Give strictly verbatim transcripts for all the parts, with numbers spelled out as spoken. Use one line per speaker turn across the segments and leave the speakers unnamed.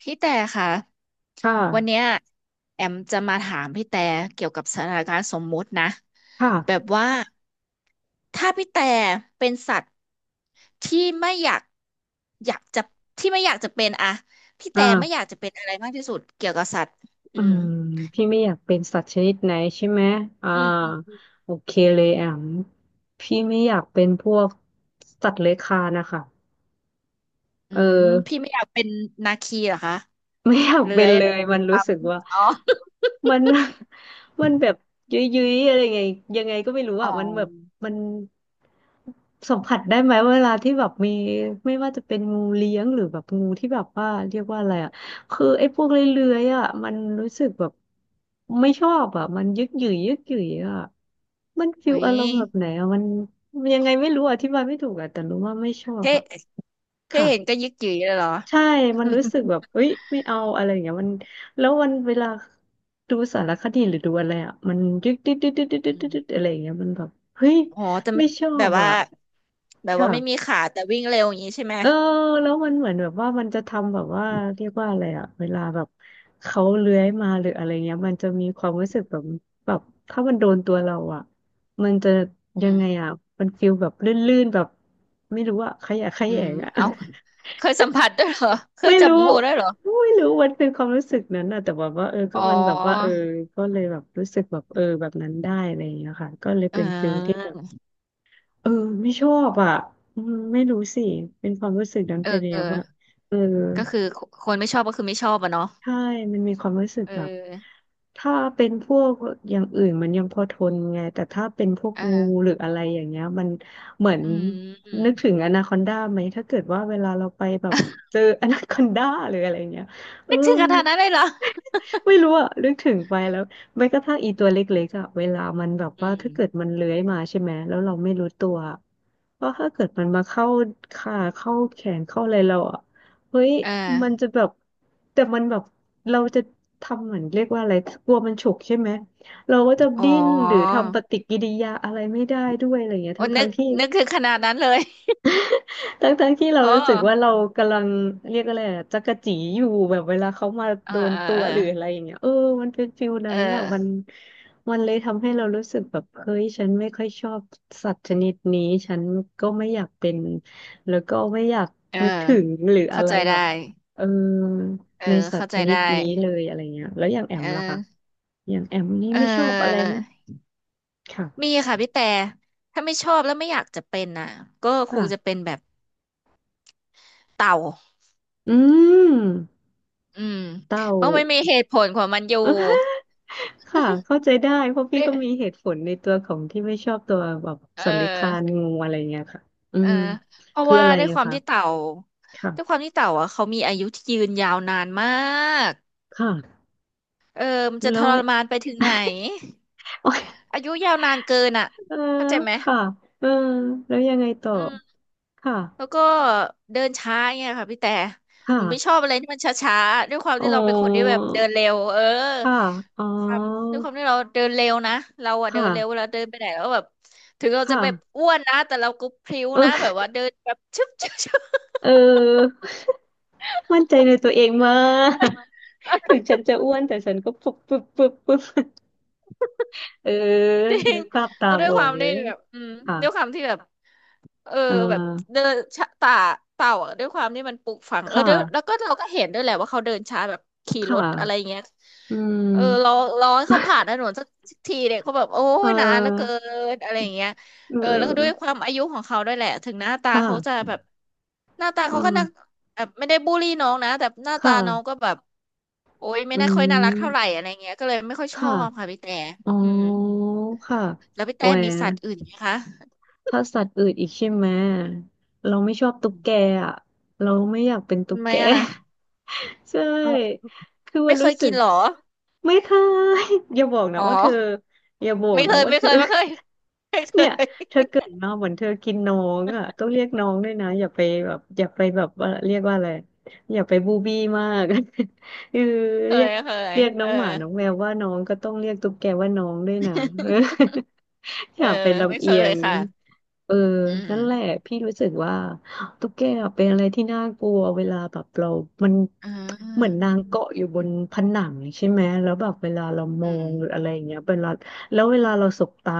พี่แต่ค่ะ
ค่ะ
วันเนี้ยแอมจะมาถามพี่แต่เกี่ยวกับสถานการณ์สมมุตินะแบบ
ค่ะ
ว่าถ้าพี่แต่เป็นสัตว์ที่ไม่อยากอยากจะที่ไม่อยากจะเป็นอะพี่
อ
แต่ไม่อยาก
่า
จะเป็นอะไรมากที่สุดเกี่ยวกับสัตว์อื
อื
ม
มพี่ไม่อยากเป็นสัตว์ชนิดไหนใช่ไหมอ่า
อืม
โอเคเลยแอมพี่ไม่อยากเป็นพวกสัตว์เลื้อยคลานนะคะ
อื
เอ
มพี่
อ
ไม่อยากเป็นนาคีเหรอคะ
ไม่อยาก
เลื้
เป็
อ
น
ย
เล
อะไร
ย มัน
ล
รู้สึกว่า
ำอ๋อ
มัน มันแบบยุ้ยๆอะไรไงยังไงก็ไม่รู้
อ๋อ
อ่ะมันแบบมัน สัมผัสได้ไหมเวลาที่แบบมีไม่ว่าจะเป็นงูเลี้ยงหรือแบบงูที่แบบว่าเรียกว่าอะไรอ่ะคือไอ้พวกเลื้อยๆอ่ะมันรู้สึกแบบไม่ชอบอ่ะมันยึกหยือยึกหยืออ่ะมันฟิ
อุ้
ล
ย
อารมณ์แบบไหนอ่ะมันมันยังไงไม่รู้อธิบายไม่ถูกอ่ะแต่รู้ว่าไม่ชอบ
เท่
อ่ะ
เท่
ค่ะ
เห็นก็ยึกยือเลยเหรอ
ใช่มันรู้สึกแบบเอ้ยไม่เอาอะไรอย่างเงี้ยมันแล้ววันเวลาดูสารคดีหรือดูอะไรอ่ะมันยึกดดึ๊ดดึ๊ดดึ๊ดดึ๊ดดึ๊ดดึ๊ด อะไรอย่างเงี้ยมันแบบเฮ้ย
อ๋อแต่
ไม่
ไม่
ชอ
แบ
บ
บว่า
อ่ะ
แบบว่าไม่มี
ค่ะ
ขาแต่วิ่งเร็วอย่างนี้ใช่ไหม
เออแล้วมันเหมือนแบบว่ามันจะทำแบบว่าเรียกว่าอะไรอะเวลาแบบเขาเลื้อยมาหรืออะไรเงี้ยมันจะมีความรู้สึกแบบแบบถ้ามันโดนตัวเราอะมันจะยั
อื
ง
ม
ไงอะมันฟีลแบบลื่นๆแบบไม่รู้อะขยะแข
อื
ย
ม
งอะ
เอาเคยสัมผัสด้วยเหรอเค ย
ไม่
จับ
รู้
งูด้วยเหรอ
ไม่รู้มันเป็นความรู้สึกนั้นอะแต่แบบว่าเออ
อ๋
ก็
อ
มันแบบว่าเออก็เลยแบบรู้สึกแบบเออแบบนั้นได้อะไรอย่างเงี้ยค่ะก็เลย
เ
เป็นฟีลที่
ออ
แบบ เออไม่ชอบอ่ะอืมไม่รู้สิเป็นความรู้สึกนั้น
เอ
ไป
อ
แล้
เออ
วอ่ะเออ
ก็คือคนไม่ชอบก็คือไม่ชอบอะเนาะ
ใช่มันมีความรู้สึก
เอ
แบบ
อ
ถ้าเป็นพวกอย่างอื่นมันยังพอทนไงแต่ถ้าเป็นพวก
อ
งูห
่า
รืออะไรอย่างเงี้ยมันเหมือน
อื
นึ
ม
ก ถึงอนาคอนดาไหมถ้าเกิดว่าเวลาเราไปแบบเจอ อนาคอนดาหรืออะไรเงี้ยเออ
นึกถึงขนาดนั้นเลยเหรอ
ไม่รู้อะนึกถึงไปแล้วแม้กระทั่งอีตัวเล็กๆอะเวลามันแบบ
อื
ว่า
ม
ถ้าเกิดมันเลื้อยมาใช่ไหมแล้วเราไม่รู้ตัวก็ถ้าเกิดมันมาเข้าขาเข้าแขนเข้าอะไรเราอะ เฮ้ย
เออ
มันจะแบบ แต่มันแบบ เราจะทำเหมือนเรียกว่าอะไร กลัวมันฉกใช่ไหม เราก็จะ
อ๋อ
ดิ้นหรือทำปฏิกิริยาอะไรไม่ได้ด้วยอะไรอย่างเงี้ย
โอ้
ทั้ง
นึ
ทั้ง
ก
ที่
นึกถึงขนาดนั้นเลย
ทั้งทั้งที่เรา
โอ้
รู้สึกว่าเรากำลังเรียกอะไรอะจักจีอยู่แบบเวลาเขามา
เออ
โดน
เออ
ตัว
เออ
หรืออะไรอย่างเงี้ยเออมันเป็นฟิลนั้
เอ
นน่ะมัน
อ
มันเลยทำให้เรารู้สึกแบบเฮ้ยฉันไม่ค่อยชอบสัตว์ชนิดนี้ฉันก็ไม่อยากเป็นแล้วก็ไม่อยาก
เออ
นึกถึงหรืออะ
เข้า
ไร
ใจ
แบ
ได้
บเออ
เออ
ในสัต
เข้า
ว์ช
ใจ
นิ
ได้
ดนี้เลยอะไรเงี้ยแล้วอย่างแอม
เอ
ล่ะคะ
อ
อย่างแอมนี่
เอ่
ไม่ชอบอะไร
อ
ไหมค่ะ
มีค่ะพี่แต่ถ้าไม่ชอบแล้วไม่อยากจะเป็นน่ะก็คงจะ
ค่ะ
เป็นแบบเต่า
อืม
อืม
เต่า
เพราะมันมีเหตุผลของมันอยู่
ค่ะเข้าใจได้เพราะพี่
ด้วย
ก็มีเหตุผลในตัวของที่ไม่ชอบตัวแบบ
เอ
สันนิคาน
อ
งูอะไรเงี้ยค่ะอื
เออ
ม
เพราะ
คือ
ว่า
อะไร
ด้วยค
อะ
วาม
คะ
ที่เต่าด้วยควา
ค่ะ
มที่เต่าอ่ะเขามีอายุที่ยืนยาวนานมาก
ค่ะ
เออมันจะ
แล้
ท
ว
รมานไปถึงไหน
โอย
อายุยาวนานเกินอ่ะ
เออ
เข้าใจไหม
ค่ะเออแล้วยังไงต่อ
อืม
ค่ะ
แล้วก็เดินช้าเงี้ยค่ะพี่แต่ห
ค่ะ
นูไม่ชอบอะไรที่มันช้าๆด้วยความ
อ๋
ที่เราเป็นคนที่
อ
แบบเดินเร็วเออ
ค่ะอ๋อ
ความด้วยความที่เราเดินเร็วนะเราอะเดินเร็วเว
ค่ะ
ลาเดินไปไหนแล้วแบบถึงเราจะ
ค่ะ
แบบอ้วนนะแต่เราก็พริ้วนะแบ
เอ
บ
อ
ว่าเดินแบบชึบชึบชึบ
เออมั่นใจในตัวเองมากถึงฉันจะอ้วนแต่ฉันก็ปุ๊บปุ๊บปุ๊บปุ๊บเออ
จริ
นึ
ง
กภาพตา
แล้ว
ม
ด้วย
ออ
ควา
ก
ม
เล
ที่
ย
แบบอืม
ค่ะ
ด้วยความที่แบบ เออ
เอ
แบบ
อ
เดินช้าต่าเต่าอะด้วยความที่มันปลูกฝัง
ค
เออเดยวแล้ว
่ะ
ก็เราก็เห็นด้วยแหละว่าเขาเดินช้าแบบขี่ร
ค่ะ
ถอะไรเงี้ย
อื
เออรอ
ม
รอให้เขาผ่านถนนสักทีเนี่ยเขาแบบโอ้
เอ
ยนานเหลือเกิ
อ
นอะไรอย่างเงี้ย
เอ
เออแล้วก็ด้วยค
อ
วามอายุของเขาด้วยแหละถึงหน้า
ค
ตาเขาจะ
่ะ
แบบหน้าตา
อ่
เขาก็น่า
า
แบบไม่ได้บูลลี่น้องนะแต่หน้าตา
ค่ะ
น้องก็แบบโอ้ยไม่
อื
น่าค่อยน่ารักเท่าไหร่
ม
อะไรเงี้ยก็เลยไม่ค่อยชอ
ค่ะ
บค่ะพี่แต่
อ๋อ
อืม
ค่ะ
แล้วพี่
โอ้
แต่
ย
มีสัตว์อื่นไหมคะ
ถ้าสัตว์อื่นอีกใช่ไหมเราไม่ชอบ
อื
ตุ๊ก
ม
แกอ่ะเราไม่อยากเป็นตุ๊
ทำ
ก
ไม
แก
อ่ะ
ใช่
เอา
คือมั
ไม่
น
เค
รู้
ย
สึ
กิน
ก
เหรอ
ไม่เคยอย่าบอกนะ
อ๋อ
ว่าเธออย่าบอก
ไม่เค
นะ
ย
ว่า
ไม่
เธ
เค
อ
ยไม่เคย ไม่เค
เนี่ย
ย
เธอเกิดมาเหมือนเธอกินน้องอ่ะต้องเรียกน้องด้วยนะอย่าไปแบบอย่าไปแบบว่าเรียกว่าอะไรอย่าไปบูบี้มาก คือ
เค
เรีย
ย
ก
เคย
เรียกน้
เอ
อ
อ
งหมาน้องแมวว่าน้องก็ต้องเรียกตุ๊กแกว่าน้องด้วยนะ เออ อ
เออ
ยากไปน
ไม่
ลำ
เค
เอีย
ย
ง
ค่ะ
เออ
อื
นั่นแหละ
ม
พี่รู้สึกว่าตุ๊กแกอะเป็นอะไรที่น่ากลัวเวลาแบบเรามัน
อ่
เหมือน
า
นางเกาะอยู่บนผนังใช่ไหมแล้วแบบเวลาเราม
อื
อ
ม
งหรืออะไรอย่างเงี้ยเวลาแล้วเวลาเราสบตา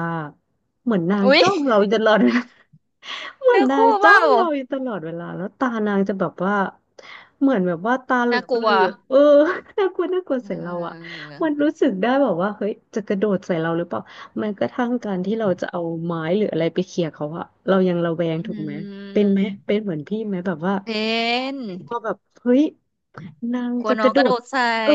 เหมือนนาง
อุ๊ย
จ้องเราอ ยู่ตลอดเวลา เหมือน
เนื้อ
นา
คู่
ง
เป
จ้อ
ล่า
งเราอยู่ตลอดเวลาแล้วตานางจะแบบว่าเหมือนแบบว่าตาเหลื
น่า
อ
กลัว
กๆเออ น่ากลัวน่ากลัว
เ
ใส่เราอะ
ออ
มันรู้สึกได้แบบว่าเฮ้ยจะกระโดดใส่เราหรือเปล่า แม้กระทั่งการที่เราจะเอาไม้หรืออะไรไปเขี่ยเขาอะเรายังระแวง
อื
ถูกไหมเป็นไหมเป็น
ม
เหมือนพี่ไหมแบบว่า
เป็น
พอแบบเฮ้ยนาง
กลัว
จะก
น้อง
ระโด
กระโด
ด
ดใส่
เออ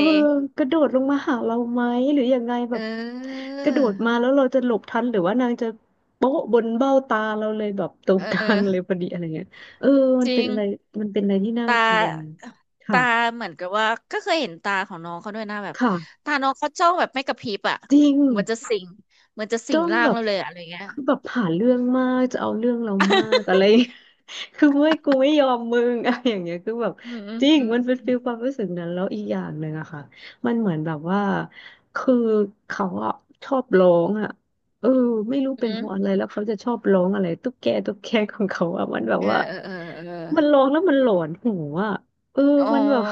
กระโดดลงมาหาเราไหมหรือยังไงแบ
เ
บ
ออ
กระโดดมาแล้วเราจะหลบทันหรือว่านางจะโป๊ะบนเบ้าตาเราเลยแบบตรง
เอ
กลางเลย
อ
พอดีอะไรเงี้ยเออมั
จ
น
ริ
เป็น
ง
อะไรมันเป็นอะไรที่น่า
ต
กลัว
า
ค่ะ
ตาเหมือนกับว่าก็เคยเห็นตาของน้องเขาด้วยนะแบบ
ค่ะ
ตาน้องเขาจ้องแบบไม่กระพริบอ่ะ
จริง
เหมือนจะสิงเหมือนจะสิ
จ้อ
ง
ง
ร่า
แบ
ง
บ
เราเลยอะอะไรเงี้ย
คือแบบหาเรื่องมากจะเอาเรื่องเรามากอะไร คือไม่กูไม่ยอมมึง อะไรอย่างเงี้ยคือแบบ
อืมอืม
จริง
อืม
มันเป็นฟีลความรู้สึกนั้นแล้วอีกอย่างหนึ่งอะค่ะมันเหมือนแบบว่าคือเขาอะชอบร้องอะเออไม่รู้เป็น
อื
เพราะอะไร
ม
แล้วเขาจะชอบร้องอะไรตุ๊กแกตุ๊กแกของเขาอะมันแบบ
เออ
ว่า
เออเออเออ
มันร้องแล้วมันหลอนหูอะเออ
อ๋อ
มันแบบ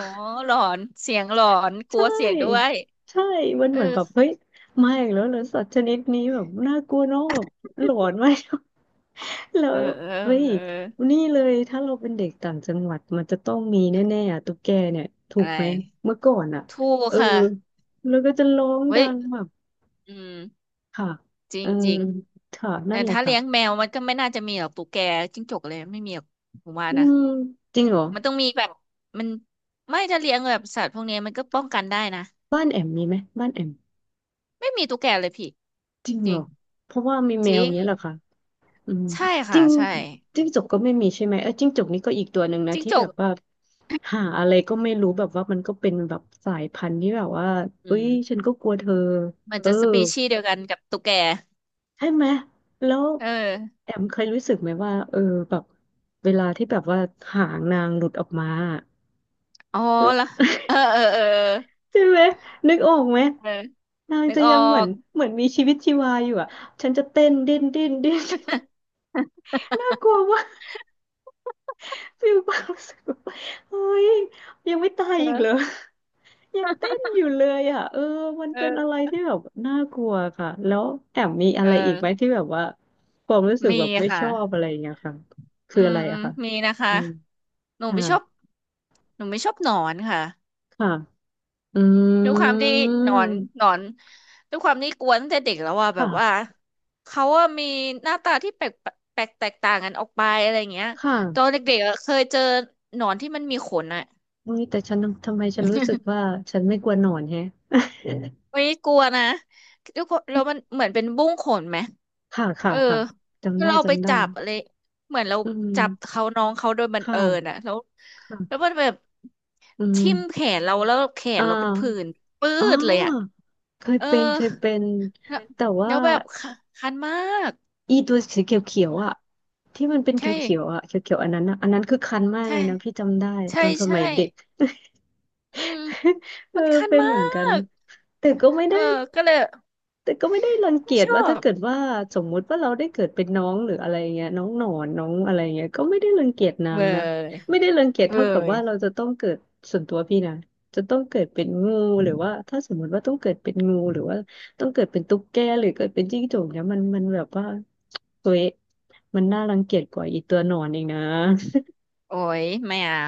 หลอนเสียงหลอนก
ใช
ลัวเสียงด้ว
่
ย
ใช่มัน
เออ
เหมือนแบบเฮ้ยมาอีกแล้วเหรอสัตว์ชนิดนี้แบบน่ากลัวเนอะแบบหลอนไหม แล้
เอ
ว
อเออ
เฮ้ย
เออ
นี่เลยถ้าเราเป็นเด็กต่างจังหวัดมันจะต้องมีแน่ๆอะตุ๊กแกเนี่ยถู
อะ
ก
ไร
ไหมเมื่อก่อนอ่ะ
ถูก
เออ
ค่ะ
แล้วก็จะร้อง
เว้
ดั
ย
งแบบ
อืม
ค่ะ
จริ
เอ
ง
อ
จริง
ค่ะนั่
แต่
นแหละ
ถ้าเลี้ยง
ค่ะ
แมวมันก็ไม่น่าจะมีหรอกตุ๊กแกจิ้งจกเลยไม่มีหรอกผมว่า
อื
นะ
มจริงเหรอ
มันต้องมีแบบมันไม่ถ้าเลี้ยงแบบสัตว์พวกนี้มันก็ป้องกันได้นะ
บ้านแอมมีไหมบ้านแอม
ไม่มีตุ๊กแกเลยพี่
จริง
จ
เห
ริ
ร
ง
อเพราะว่ามีแม
จ
ว
ริง
เนี้ยเหรอคะ อืม
ใช่
จิ้
ค่ะ
ง
ใช่
จิ้งจกก็ไม่มีใช่ไหมเออจิ้งจกนี่ก็อีกตัวหนึ่งนะ
จิ้ง
ที่
จ
แบ
ก
บว่าหาอะไรก็ไม่รู้แบบว่ามันก็เป็นแบบสายพันธุ์ที่แบบว่า
อื
เอ้ย
ม
ฉันก็กลัวเธอ
มัน
เออ
จะสปีชีส์เดียวกันกับตุ๊กแก
ใช่ไหมแล้ว
เออ
แอมเคยรู้สึกไหมว่าเออแบบเวลาที่แบบว่าหางนางหลุดออกมา
อ๋อ
แล้ว
ละเออเออเออ
ใช่ไหมนึกออกไหม
เออเออ
นาง
นึก
จะ
ออ
ยังเหมือน
ก
เหมือนมีชีวิตชีวาอยู่อ่ะฉันจะเต้นดิ้นดิ้นดิ้น น่ากลัว ฟิลความรู้สึกแบบเฮ้ยยังไม่ตายอีกเหรอ
เออ
ยังเต้นอยู่เลยอ่ะเออมันเป็นอะ
เออ
ไรที่แบบน่ากลัวค่ะแล้วแอมมีอะ
เอ
ไรอีก
อ
ไหมที่แบบว่าความรู้สึก
มี
แบบไม่ช
ค่ะ
อบอะไรอย่างเงี้ยค่ะ
อื
คืออะ
ม
ไร
อื
อะ
ม
ค่ะ
มีนะคะ
อืม
หนู
ค่ะ
ไม่ชอบหนูไม่ชอบหนอนค่ะ
ค่ะอื
ด้วยความที่หนอน
ม
หนอนด้วยความที่กวนตั้งแต่เด็กแล้วว่าแบบว่า
ค่ะ
เขาว่ามีหน้าตาที่แปลกแปลกแตกต่างกันออกไปอะไรอย่างเงี้ย
ค
ตอน
่ะ
เด็กๆอะเคยเจอหนอนที่มันมีขนอะ
อุ้ยแต่ฉันทำไมฉันรู้สึกว่าฉันไม่กลัวหนอนแฮะ
ไม่กลัวนะด้วยความแล้วมันเหมือนเป็นบุ้งขนไหม
ค่ะ
เอ
ค่ะ
อ
ค่ะจำ
แล้ว
ได้
เราไป
จำได้
จับอะไรเหมือนเรา
อื
จับ
ม
เขาน้องเขาโดยบังเอิญ
ค่ะ
อะแล้วแล้ว
ค่ะ
มันแบบ
อื
ทิ่มแข
ม
นเราแล้วแข
อ่า
นเราเป็นผื่นปื้
อ๋อ
ดเลยอะ
เคย
เออ
เป็นเคยเป็น
แล้ว
แต่
แล้
ว่า
วแบบคัคันมาก
อีตัวสีเขียวๆอ่ะที่มันเป็นเ
ใช่
ขียวๆอ่ะเขียวๆอันนั้นอ่ะอันนั้นคือคันมากเล
ใช่
ยนะพี่จำได้ต
ใช่
อนส
ใช่
มัยเด็ก
อืม
เออ
มันคัน
เป็น
มา
เหมือนกัน
ก
แต่ก็ไม่
เอ
ได้
อก็เลย
แต่ก็ไม่ได้รังเกี
ไม่
ยจ
ชอ
ว่าถ้า
บ
เกิดว่าสมมุติว่าเราได้เกิดเป็นน้องหรืออะไรเงี้ยน้องหนอนน้องอะไรเงี้ยก็ไม่ได้รังเกียจนาง
เว้
นะ
ย
ไม่ได้รังเกียจ
เว้
เท่ากับ
ย
ว่าเราจะต้องเกิดส่วนตัวพี่นะจะต้องเกิดเป็นงูหรือว่าถ้าสมมุติว่าต้องเกิดเป็นงูหรือว่าต้องเกิดเป็นตุ๊กแกหรือเกิดเป็นจิ้งจกเนี่ยมันมันแบบว่าตัวเอะมันน่ารังเกียจกว่าอีตัวหนอนเองนะ
โอ้ยไม่อ่ะ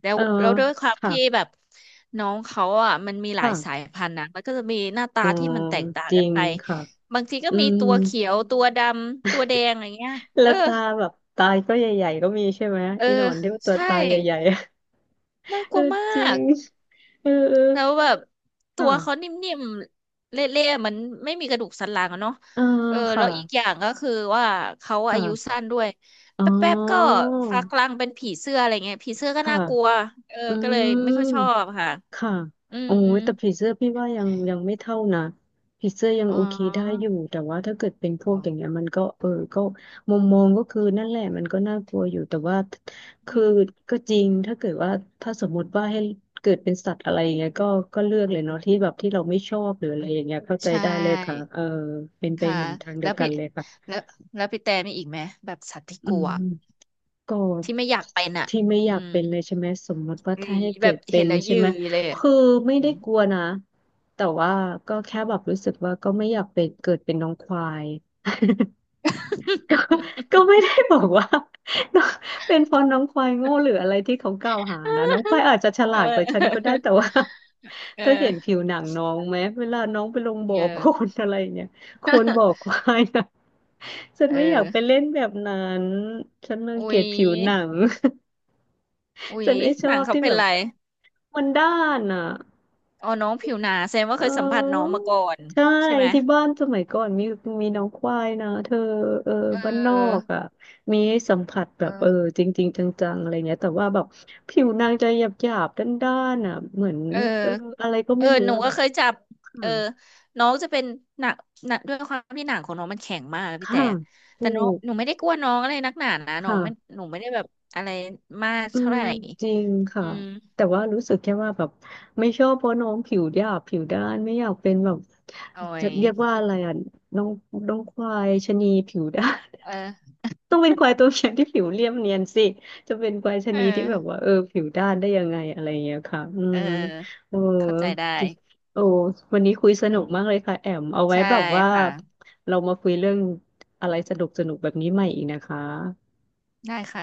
แล้ว
เออ
แล้วด้วยความ
ค่ะ
ที่แบบน้องเขาอ่ะมันมีหลายสาย
ค่ะ
พันธุ์นะมันก็จะมีหน้าตา
อ๋อ
ที่มันแตกต่าง
จริ
กัน
ง
ไป
ค่ะ
บางทีก็
อื
มี
ม
ตัวเขียวตัวดำตัวแดงอะไรเงี้ย
แล้
เออ
วตาแบบตาก็ใหญ่ๆก็มีใช่ไหม
เออ
อีหนอนที่ว่าตัว
ใช่
ตาใหญ่ๆอะ
น่า ก
เอ
ลั
อ
วมา
จริ
ก
งเออเออ
แล้วแบบตัวเขา
ค่ะ
นิ่มๆเละๆมันไม่มีกระดูกสันหลังอะเนาะ
เออ
เออ
ค่ะ
แล้วอีกอย่างก็คือว่าเขาอายุ
ค่ะ
สั้นด้วย
อ๋
แป๊บๆก็
อ
ฟักรังเป็นผีเสื้ออะไรเงี้ยผีเสื้อก็
ค่ะ
น่ากลัวเออ
อื
ก็เล
ม
ยไม่ค่อยชอบค่ะ
ค่ะ
อื
โอ้
ม
ยแต่พรีเซอร์พี่ว่ายังยังไม่เท่านะพรีเซอร์ยัง
อ๋อ
โอเคได้อยู่แต่ว่าถ้าเกิดเป็นพว
อ๋
ก
อ
อย่างเงี้ยมันก็เออก็มองมองก็คือนั่นแหละมันก็น่ากลัวอยู่แต่ว่าคื
อื
อ
ม
ก็จริงถ้าเกิดว่าถ้าสมมติว่าให้เกิดเป็นสัตว์อะไรอย่างเงี้ยก็ก็เลือกเลยเนาะที่แบบที่เราไม่ชอบหรืออะไรอย่างเงี้ยเข้าใจ
ใช
ได้เลยค่ะ
่
เออเป็นไป
ค่ะ
เหมือนทางเดี
แล้
ย
ว
วกั
พี่
นเลยค่ะ
แล้วแล้วพี่แต่มีอีกไหมแบบสัตว์ที่
อื
กลัว
ม ก็
ที่ไม่อยากเป็นอ่ะ
ที่ไม่อ
อื
ยาก
ม
เป็นเลยใช่ไหมสมมติว่า
อื
ถ้า
ม
ให้
แบ
เกิ
บ
ดเป็
เห็น
น
แล้ว
ใช่
ยื
ไหม
ยเลยอะ
คือไม่
อื
ได้
ม
กลัวนะแต่ว่าก็แค่แบบรู้สึกว่าก็ไม่อยากเป็นเกิดเป็นน้องควาย ก็ก็ไม่ได้บอกว่า น้องเป็นเพราะน้องควายโง่หรืออะไรที่เขากล่าวหานะน้องควายอาจจะ ฉ
เอ
ลาด
อ
กว่าฉันก็ได้แต่ ว่า
เอ
เธอเห็
อ
นผิวหนังน้องไหมเวลาน้องไปลงบ่อ
เออ
โคลนอะไรอย่างเงี้ยโคลนบ่อควายนะ ฉัน
เออ
ไม่อยากไปเล่นแบบนั้นฉันรัง
อุ๊
เกีย
ย
จผิวหนัง
อุ๊
ฉั
ย
นไม่ช
ห
อ
นัง
บ
เขา
ที่
เป็
แบ
น
บ
ไร
มันด้านอ่ะ
อ๋อน้องผิวหนาแสดงว่า
เ
เคยสัมผัสน้อง
ออ
มาก่อน
ใช่
ใช่ไหม
ที่บ้านสมัยก่อนมีมีน้องควายนะเธอเออบ้าน
เอ
น
อ
อกอ่ะมีให้สัมผัสแบบเออ
เออ
จริงๆจังๆอะไรเงี้ยแต่ว่าแบบผิวนางจะหยาบๆด้านๆอ่ะเหมือน
เออ
เอออะไรก็
เออ
ไม่รู้
หนู
อะ
ก็เคยจับ
ค่ะ
เออน้องจะเป็นหนักหนักด้วยความที่หนังของน้องมันแข็งมากอะพี่
ค่ะ
แต่แต่
ถู
น้อง
ก
หนูไม่ได้กลัวน้องอะไรนักหนานะน้อง
ค่ะ
ไม่หนูไม่ได้แบบอะไรมาก
อื
เท่า
ม
ไหร่
จริงค่ะ
อืม
แต่ว่ารู้สึกแค่ว่าแบบไม่ชอบเพราะน้องผิวหยาบผิวด้านไม่อยากเป็นแบบ
โอ้
จะ
ย
เรียกว่าอะไรอ่ะน้องน้องควายชะนีผิวด้าน
เออ
ต้องเป็นควายตัวเมียที่ผิวเรียบเนียนสิจะเป็นควายชะ
เออ
นีที่แบบว่าเออผิวด้านได้ยังไงอะไรอย่างเงี้ยค่ะอื
เอ
ม
อ
โอ้
เข้าใจได้
โอ้วันนี้คุยสนุกมากเลยค่ะแอมเอาไว้
ใช่
แบบว่า
ค่ะ
เรามาคุยเรื่องอะไรสนุกสนุกแบบนี้ใหม่อีกนะคะ
ได้ค่ะ